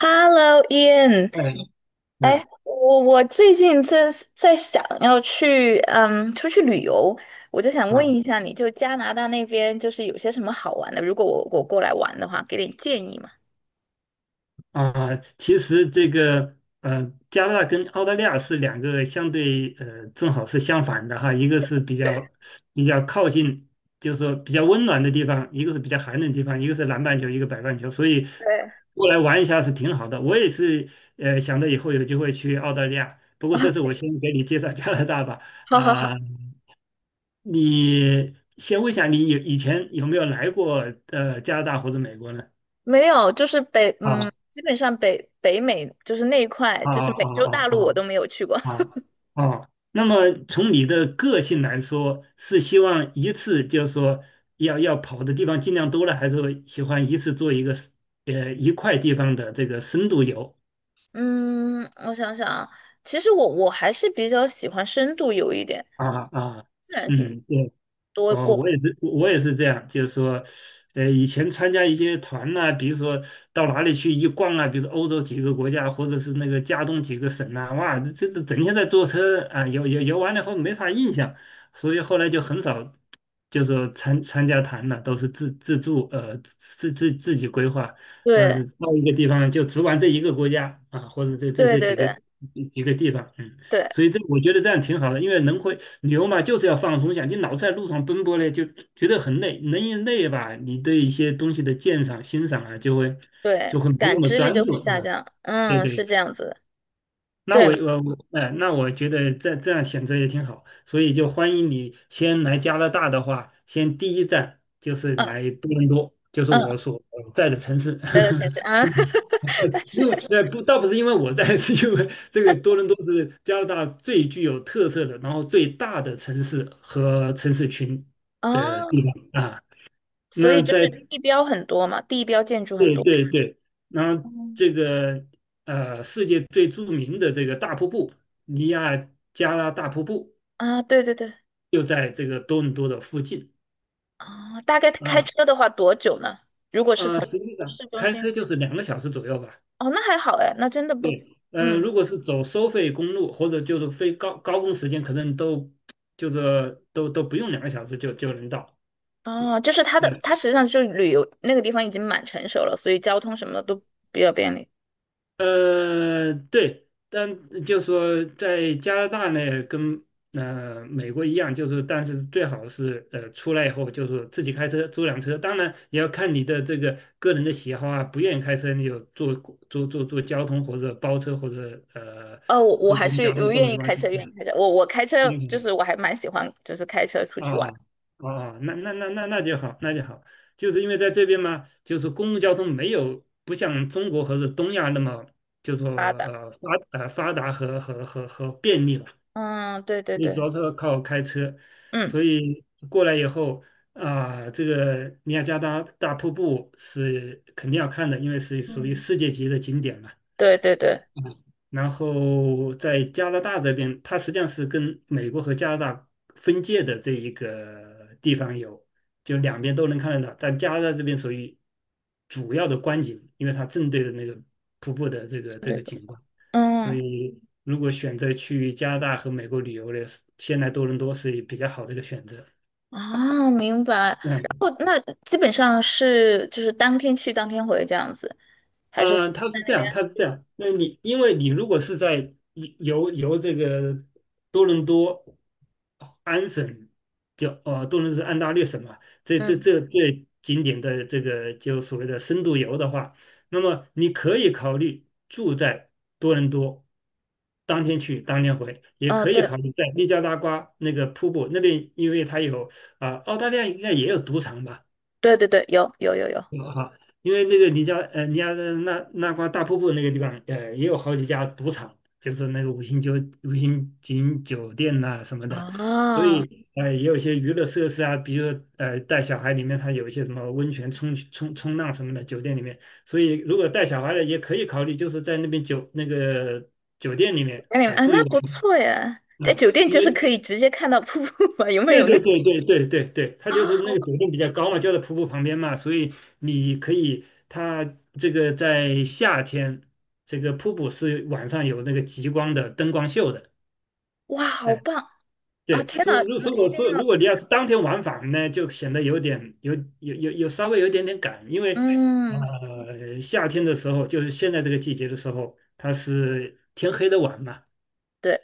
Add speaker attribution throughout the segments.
Speaker 1: Hello, Ian，
Speaker 2: 嗯。嗯。
Speaker 1: 我最近在想要去出去旅游，我就想问
Speaker 2: 啊。
Speaker 1: 一下你，就加拿大那边就是有些什么好玩的？如果我过来玩的话，给点建议嘛。
Speaker 2: 啊，其实这个加拿大跟澳大利亚是两个相对正好是相反的哈。一个是比较靠近，就是说比较温暖的地方，一个是比较寒冷的地方，一个是南半球，一个北半球，所以
Speaker 1: 对，
Speaker 2: 过来玩一下是挺好的。我也是想着以后有机会去澳大利亚，不过这次我先给你介绍加拿大吧
Speaker 1: 好好好，
Speaker 2: 啊。你先问一下，你以前有没有来过加拿大或者美国呢？
Speaker 1: 没有，就是，
Speaker 2: 啊
Speaker 1: 基本上北美就是那一块，
Speaker 2: 啊
Speaker 1: 就是美
Speaker 2: 啊
Speaker 1: 洲大
Speaker 2: 啊
Speaker 1: 陆我都
Speaker 2: 啊
Speaker 1: 没有去过。
Speaker 2: 啊啊！啊，那么从你的个性来说，是希望一次就是说要跑的地方尽量多了，还是说喜欢一次做一个一块地方的这个深度游？
Speaker 1: 嗯，我想想啊，其实我还是比较喜欢深度游一点，
Speaker 2: 啊啊，
Speaker 1: 自然景
Speaker 2: 嗯，对
Speaker 1: 多
Speaker 2: 哦，我
Speaker 1: 过。
Speaker 2: 也是，我也是这样，就是说，以前参加一些团呐、比如说到哪里去一逛啊，比如说欧洲几个国家，或者是那个加东几个省呐、哇，这整天在坐车啊，游完了以后没啥印象，所以后来就很少，就说参加团了，都是自助，自己规划，
Speaker 1: 对
Speaker 2: 嗯，到一个地方就只玩这一个国家啊，或者这这
Speaker 1: 对
Speaker 2: 这
Speaker 1: 对
Speaker 2: 几个
Speaker 1: 对
Speaker 2: 几个地方，嗯。
Speaker 1: 对。
Speaker 2: 所以这我觉得这样挺好的，因为人会旅游嘛，就是要放松一下。你老在路上奔波呢，就觉得很累，人一累吧，你对一些东西的鉴赏、欣赏啊，就会
Speaker 1: 对，
Speaker 2: 就会没那
Speaker 1: 感
Speaker 2: 么
Speaker 1: 知力
Speaker 2: 专
Speaker 1: 就
Speaker 2: 注
Speaker 1: 会下
Speaker 2: 啊。
Speaker 1: 降。
Speaker 2: 对
Speaker 1: 嗯，
Speaker 2: 对，
Speaker 1: 是这样子的。
Speaker 2: 那我
Speaker 1: 对，
Speaker 2: 我我，哎，那我觉得这样选择也挺好，所以就欢迎你先来加拿大的话，先第一站就是
Speaker 1: 嗯
Speaker 2: 来多伦多，就是我
Speaker 1: 嗯，
Speaker 2: 所在的城市。
Speaker 1: 待在城市 啊。但是
Speaker 2: 因为不，倒不是因为我在，是因为这个多伦多是加拿大最具有特色的，然后最大的城市和城市群的地
Speaker 1: 啊，
Speaker 2: 方啊。
Speaker 1: 所
Speaker 2: 那
Speaker 1: 以就
Speaker 2: 在
Speaker 1: 是地标很多嘛，地标建筑很
Speaker 2: 对
Speaker 1: 多。
Speaker 2: 对对，然后
Speaker 1: 嗯。
Speaker 2: 这个世界最著名的这个大瀑布尼亚加拉大瀑布
Speaker 1: 啊，对对对。
Speaker 2: 就在这个多伦多的附近
Speaker 1: 啊，大概开
Speaker 2: 啊。
Speaker 1: 车的话多久呢？
Speaker 2: 实际上
Speaker 1: 市中
Speaker 2: 开
Speaker 1: 心？
Speaker 2: 车就是两个小时左右吧。
Speaker 1: 哦，那还好哎，那真的不，
Speaker 2: 对，
Speaker 1: 嗯。
Speaker 2: 如果是走收费公路或者就是非高峰时间，可能都就是都不用两个小时就能到。
Speaker 1: 哦，就是它的，它
Speaker 2: 对，
Speaker 1: 实际上就是旅游那个地方已经蛮成熟了，所以交通什么的都比较便利。
Speaker 2: 对，但就是说在加拿大呢，跟美国一样，就是但是最好是出来以后就是自己开车租辆车，当然也要看你的这个个人的喜好啊，不愿意开车你就坐交通或者包车或者
Speaker 1: 哦，我
Speaker 2: 坐
Speaker 1: 还
Speaker 2: 公共
Speaker 1: 是
Speaker 2: 交通
Speaker 1: 我
Speaker 2: 都
Speaker 1: 愿
Speaker 2: 没
Speaker 1: 意
Speaker 2: 关
Speaker 1: 开车，
Speaker 2: 系。
Speaker 1: 愿意开车。我开车就
Speaker 2: 嗯
Speaker 1: 是我还蛮喜欢，就是开车出
Speaker 2: 哦
Speaker 1: 去玩。
Speaker 2: 哦哦，那就好，那就好。就是因为在这边嘛，就是公共交通没有不像中国和是东亚那么就说发达和便利吧，
Speaker 1: 嗯，对对
Speaker 2: 你主
Speaker 1: 对。
Speaker 2: 要是靠开车，
Speaker 1: 嗯。
Speaker 2: 所以过来以后啊、这个尼亚加拉大瀑布是肯定要看的，因为是属于
Speaker 1: 嗯，
Speaker 2: 世界级的景点嘛。
Speaker 1: 对对对。
Speaker 2: 嗯然后在加拿大这边，它实际上是跟美国和加拿大分界的这一个地方有，就两边都能看得到。但加拿大这边属于主要的观景，因为它正对着那个瀑布的这
Speaker 1: 是
Speaker 2: 个这
Speaker 1: 这
Speaker 2: 个
Speaker 1: 个。
Speaker 2: 景观，所
Speaker 1: 嗯。
Speaker 2: 以如果选择去加拿大和美国旅游的，先来多伦多是比较好的一个选择。
Speaker 1: 啊，明白。然
Speaker 2: 嗯，
Speaker 1: 后那基本上是就是当天去当天回这样子，还是？
Speaker 2: 嗯它是这样，它是这样。那你因为你如果是在游这个多伦多安省，就多伦多是安大略省嘛，这这
Speaker 1: 嗯。
Speaker 2: 这这景点的这个就所谓的深度游的话，那么你可以考虑住在多伦多，当天去当天回，也
Speaker 1: 哦，
Speaker 2: 可以考
Speaker 1: 对
Speaker 2: 虑在尼加拉瓜那个瀑布那边，因为它有啊、澳大利亚应该也有赌场吧。
Speaker 1: 对对对，有有有有。
Speaker 2: 啊，好。因为那个尼加拉那瓜大瀑布那个地方，也有好几家赌场，就是那个五星级酒店呐、什么的，所
Speaker 1: 啊，
Speaker 2: 以也有一些娱乐设施啊，比如说带小孩里面它有一些什么温泉冲浪什么的酒店里面，所以如果带小孩的也可以考虑，就是在那边酒那个酒店里面
Speaker 1: 那你们
Speaker 2: 啊、
Speaker 1: 啊，
Speaker 2: 住一
Speaker 1: 那
Speaker 2: 晚
Speaker 1: 不错耶，在
Speaker 2: 啊。
Speaker 1: 酒店
Speaker 2: 因
Speaker 1: 就是
Speaker 2: 为
Speaker 1: 可以直接看到瀑布嘛，有没
Speaker 2: 对
Speaker 1: 有那
Speaker 2: 对 对对对对对，它
Speaker 1: 啊，
Speaker 2: 就是那
Speaker 1: 好
Speaker 2: 个
Speaker 1: 棒！
Speaker 2: 抖动比较高嘛，就在瀑布旁边嘛，所以你可以，它这个在夏天，这个瀑布是晚上有那个极光的灯光秀的。
Speaker 1: 哇，好
Speaker 2: 哎，
Speaker 1: 棒！啊，
Speaker 2: 对，
Speaker 1: 天
Speaker 2: 所
Speaker 1: 呐，
Speaker 2: 以如
Speaker 1: 那
Speaker 2: 如果
Speaker 1: 一定
Speaker 2: 说如
Speaker 1: 要，
Speaker 2: 果你要是当天往返呢，就显得有点有有有有稍微有一点点赶，因为
Speaker 1: 嗯。
Speaker 2: 夏天的时候，就是现在这个季节的时候，它是天黑的晚嘛。
Speaker 1: 对，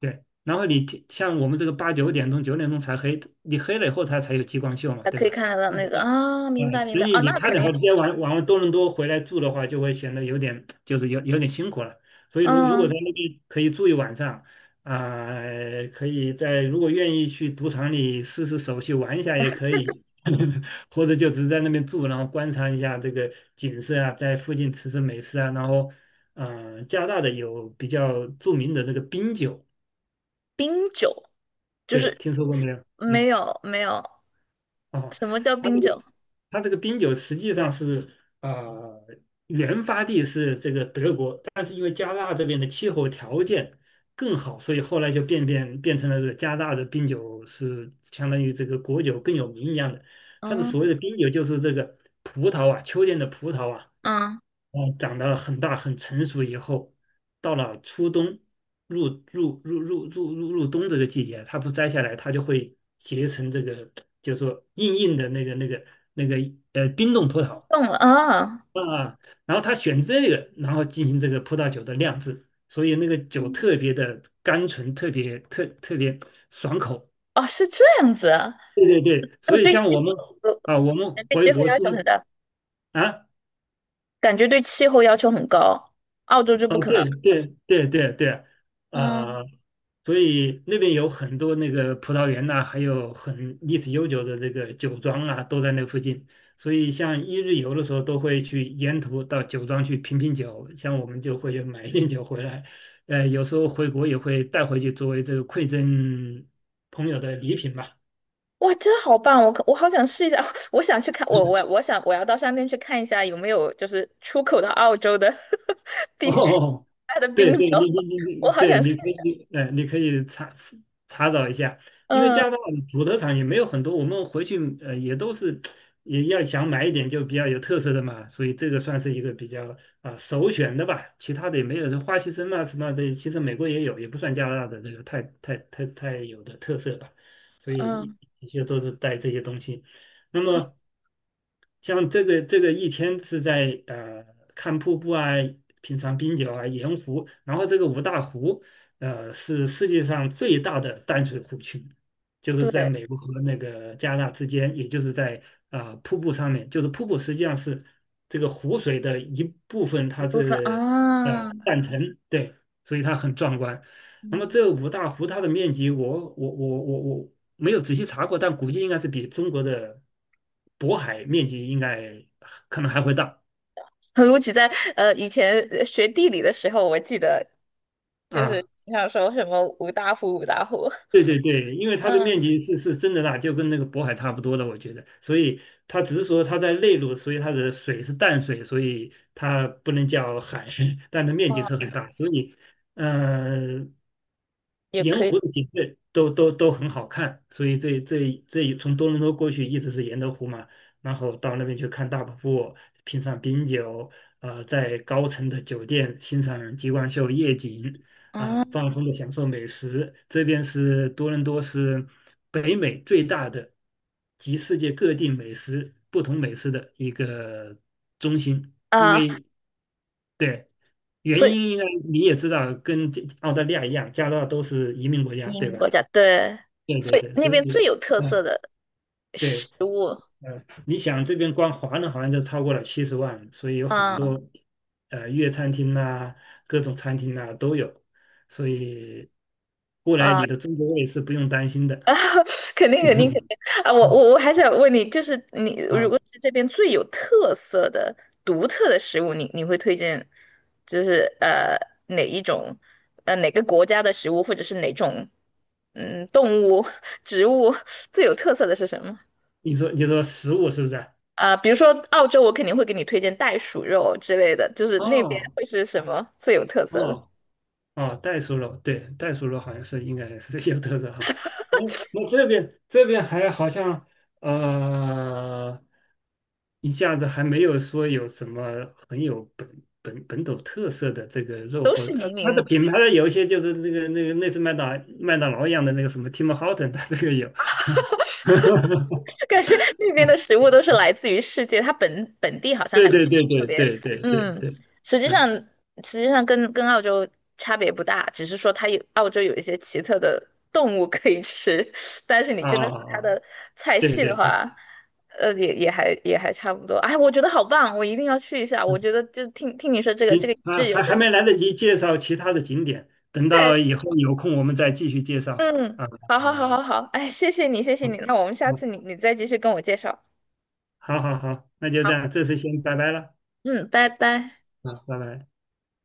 Speaker 2: 对，然后你天像我们这个8、9点钟、九点钟才黑，你黑了以后它才有激光秀嘛，
Speaker 1: 还
Speaker 2: 对
Speaker 1: 可以
Speaker 2: 吧？
Speaker 1: 看得到
Speaker 2: 嗯，
Speaker 1: 那个啊，明白
Speaker 2: 呃，
Speaker 1: 明
Speaker 2: 所
Speaker 1: 白
Speaker 2: 以
Speaker 1: 啊，
Speaker 2: 你
Speaker 1: 那
Speaker 2: 看
Speaker 1: 肯
Speaker 2: 的话，
Speaker 1: 定。
Speaker 2: 直接往多伦多回来住的话，就会显得有点就是有点辛苦了。所以如果在
Speaker 1: 嗯。
Speaker 2: 那边可以住一晚上，啊、可以在如果愿意去赌场里试试手气玩一下也可以，或者就只是在那边住，然后观察一下这个景色啊，在附近吃吃美食啊，然后加拿大的有比较著名的这个冰酒。
Speaker 1: 冰酒。就
Speaker 2: 对，
Speaker 1: 是
Speaker 2: 听说过没有？嗯，
Speaker 1: 没有没有，
Speaker 2: 哦，
Speaker 1: 什么叫
Speaker 2: 它
Speaker 1: 冰
Speaker 2: 这个
Speaker 1: 酒？
Speaker 2: 它这个冰酒实际上是呃原发地是这个德国，但是因为加拿大这边的气候条件更好，所以后来就变成了这个加拿大的冰酒是相当于这个国酒更有名一样的。它的
Speaker 1: 嗯
Speaker 2: 所谓的冰酒就是这个葡萄啊，秋天的葡萄啊，
Speaker 1: 嗯，
Speaker 2: 长得很大很成熟以后，到了初冬，入冬这个季节，它不摘下来，它就会结成这个，就是说硬硬的那个冰冻葡萄
Speaker 1: 懂了啊。
Speaker 2: 啊。然后他选这个，然后进行这个葡萄酒的酿制，所以那个酒
Speaker 1: 嗯。
Speaker 2: 特别的甘醇，特别特特别爽口。
Speaker 1: 哦，是这样子啊。
Speaker 2: 对对，
Speaker 1: 那
Speaker 2: 所以
Speaker 1: 对
Speaker 2: 像我
Speaker 1: 气，
Speaker 2: 们啊，我们
Speaker 1: 对
Speaker 2: 回
Speaker 1: 气候
Speaker 2: 国
Speaker 1: 要求很
Speaker 2: 经
Speaker 1: 大，
Speaker 2: 啊。
Speaker 1: 感觉对气候要求很高，澳洲就
Speaker 2: 啊，
Speaker 1: 不可能。
Speaker 2: 对对对对对，啊，
Speaker 1: 嗯。
Speaker 2: 所以那边有很多那个葡萄园呐、还有很历史悠久的这个酒庄啊，都在那附近。所以像一日游的时候，都会去沿途到酒庄去品品酒，像我们就会买一点酒回来，有时候回国也会带回去作为这个馈赠朋友的礼品吧。
Speaker 1: 哇，真好棒！我好想试一下，我想去看，我想我要到上面去看一下有没有就是出口到澳洲的 冰
Speaker 2: 哦，
Speaker 1: 它的
Speaker 2: 对
Speaker 1: 冰酒，
Speaker 2: 对，你，
Speaker 1: 我好
Speaker 2: 对，
Speaker 1: 想
Speaker 2: 你
Speaker 1: 试。
Speaker 2: 可以，你可以查找一下，因为加拿
Speaker 1: 嗯
Speaker 2: 大的土特产也没有很多，我们回去也都是也要想买一点就比较有特色的嘛，所以这个算是一个比较啊、首选的吧，其他的也没有，像花旗参啊什么的，其实美国也有，也不算加拿大的这个太有的特色吧，所以
Speaker 1: 嗯。
Speaker 2: 一些都是带这些东西。那
Speaker 1: 啊，
Speaker 2: 么像这个一天是在看瀑布啊，品尝冰酒啊，盐湖，然后这个五大湖是世界上最大的淡水湖群，就是在
Speaker 1: 对，
Speaker 2: 美国和那个加拿大之间，也就是在啊、瀑布上面，就是瀑布实际上是这个湖水的一部分，
Speaker 1: 一
Speaker 2: 它
Speaker 1: 部分
Speaker 2: 是呃
Speaker 1: 啊。
Speaker 2: 断层，对，所以它很壮观。那么
Speaker 1: 嗯。
Speaker 2: 这个五大湖它的面积我，我没有仔细查过，但估计应该是比中国的渤海面积应该可能还会大
Speaker 1: 尤其在以前学地理的时候，我记得就是
Speaker 2: 啊。
Speaker 1: 经常说什么五大湖五大湖。
Speaker 2: 对对对，因为它的面
Speaker 1: 嗯。
Speaker 2: 积是真的大，就跟那个渤海差不多的，我觉得。所以它只是说它在内陆，所以它的水是淡水，所以它不能叫海，但它面积
Speaker 1: 哦，
Speaker 2: 是很大。所以，嗯。
Speaker 1: 也可
Speaker 2: 沿
Speaker 1: 以。
Speaker 2: 湖的景色都很好看，所以这从多伦多过去一直是沿着湖嘛，然后到那边去看大瀑布，品尝冰酒，在高层的酒店欣赏极光秀夜景，啊，
Speaker 1: 嗯。
Speaker 2: 放松的享受美食。这边是多伦多是北美最大的集世界各地美食不同美食的一个中心，因
Speaker 1: 啊，
Speaker 2: 为对，原
Speaker 1: 所以
Speaker 2: 因应该你也知道，跟这澳大利亚一样，加拿大都是移民国家，
Speaker 1: 移
Speaker 2: 对
Speaker 1: 民
Speaker 2: 吧？
Speaker 1: 国家对，
Speaker 2: 对对
Speaker 1: 所以
Speaker 2: 对，
Speaker 1: 那
Speaker 2: 所
Speaker 1: 边最
Speaker 2: 以，
Speaker 1: 有特色
Speaker 2: 嗯，
Speaker 1: 的
Speaker 2: 对，
Speaker 1: 食物。
Speaker 2: 嗯，你想这边光华人好像就超过了70万，所以有很
Speaker 1: 嗯。
Speaker 2: 多粤餐厅呐、各种餐厅呐、都有，所以过来
Speaker 1: 啊。
Speaker 2: 你的中国胃是不用担心的。
Speaker 1: 啊，肯定肯定肯定。啊！我 还想问你，就是你如果
Speaker 2: 啊，
Speaker 1: 是这边最有特色的、独特的食物，你会推荐，就是哪一种，哪个国家的食物，或者是哪种动物、植物最有特色的是什么？
Speaker 2: 你说食物是不是？
Speaker 1: 啊、比如说澳洲，我肯定会给你推荐袋鼠肉之类的，就是那边
Speaker 2: 哦
Speaker 1: 会是什么最有特色的？
Speaker 2: 哦哦，袋鼠肉，对，袋鼠肉好像是应该是有特色哈。那那这边还好像呃，一下子还没有说有什么很有本土特色的这个肉，
Speaker 1: 都
Speaker 2: 或者
Speaker 1: 是
Speaker 2: 它
Speaker 1: 移
Speaker 2: 它的
Speaker 1: 民。
Speaker 2: 品牌有一些就是那个类似麦当劳一样的那个什么 Tim Horton，它这个有。
Speaker 1: 感觉那边的食物都是来自于世界，它本地好像
Speaker 2: 对
Speaker 1: 还
Speaker 2: 对对
Speaker 1: 特
Speaker 2: 对
Speaker 1: 别，
Speaker 2: 对对对
Speaker 1: 嗯，
Speaker 2: 对，
Speaker 1: 实际
Speaker 2: 嗯
Speaker 1: 上实际上跟澳洲差别不大，只是说它有澳洲有一些奇特的动物可以吃，但是你
Speaker 2: 啊
Speaker 1: 真的说
Speaker 2: 啊，
Speaker 1: 它
Speaker 2: 啊
Speaker 1: 的菜
Speaker 2: 对
Speaker 1: 系
Speaker 2: 对
Speaker 1: 的
Speaker 2: 对。
Speaker 1: 话，也还差不多。哎，我觉得好棒，我一定要去一下。我
Speaker 2: 嗯
Speaker 1: 觉得就听听你说这个这个
Speaker 2: 行啊，
Speaker 1: 这有
Speaker 2: 还
Speaker 1: 点
Speaker 2: 没来得及介绍其他的景点，等
Speaker 1: 太，
Speaker 2: 到以后有空我们再继续介绍。
Speaker 1: 嗯，
Speaker 2: 啊、
Speaker 1: 好好好
Speaker 2: 呃，
Speaker 1: 好好，哎，谢谢你，那我们下次你再继续跟我介绍。
Speaker 2: 好好好，那就这
Speaker 1: 好。
Speaker 2: 样，这次先拜拜了，
Speaker 1: 嗯，拜拜。
Speaker 2: 啊，拜拜。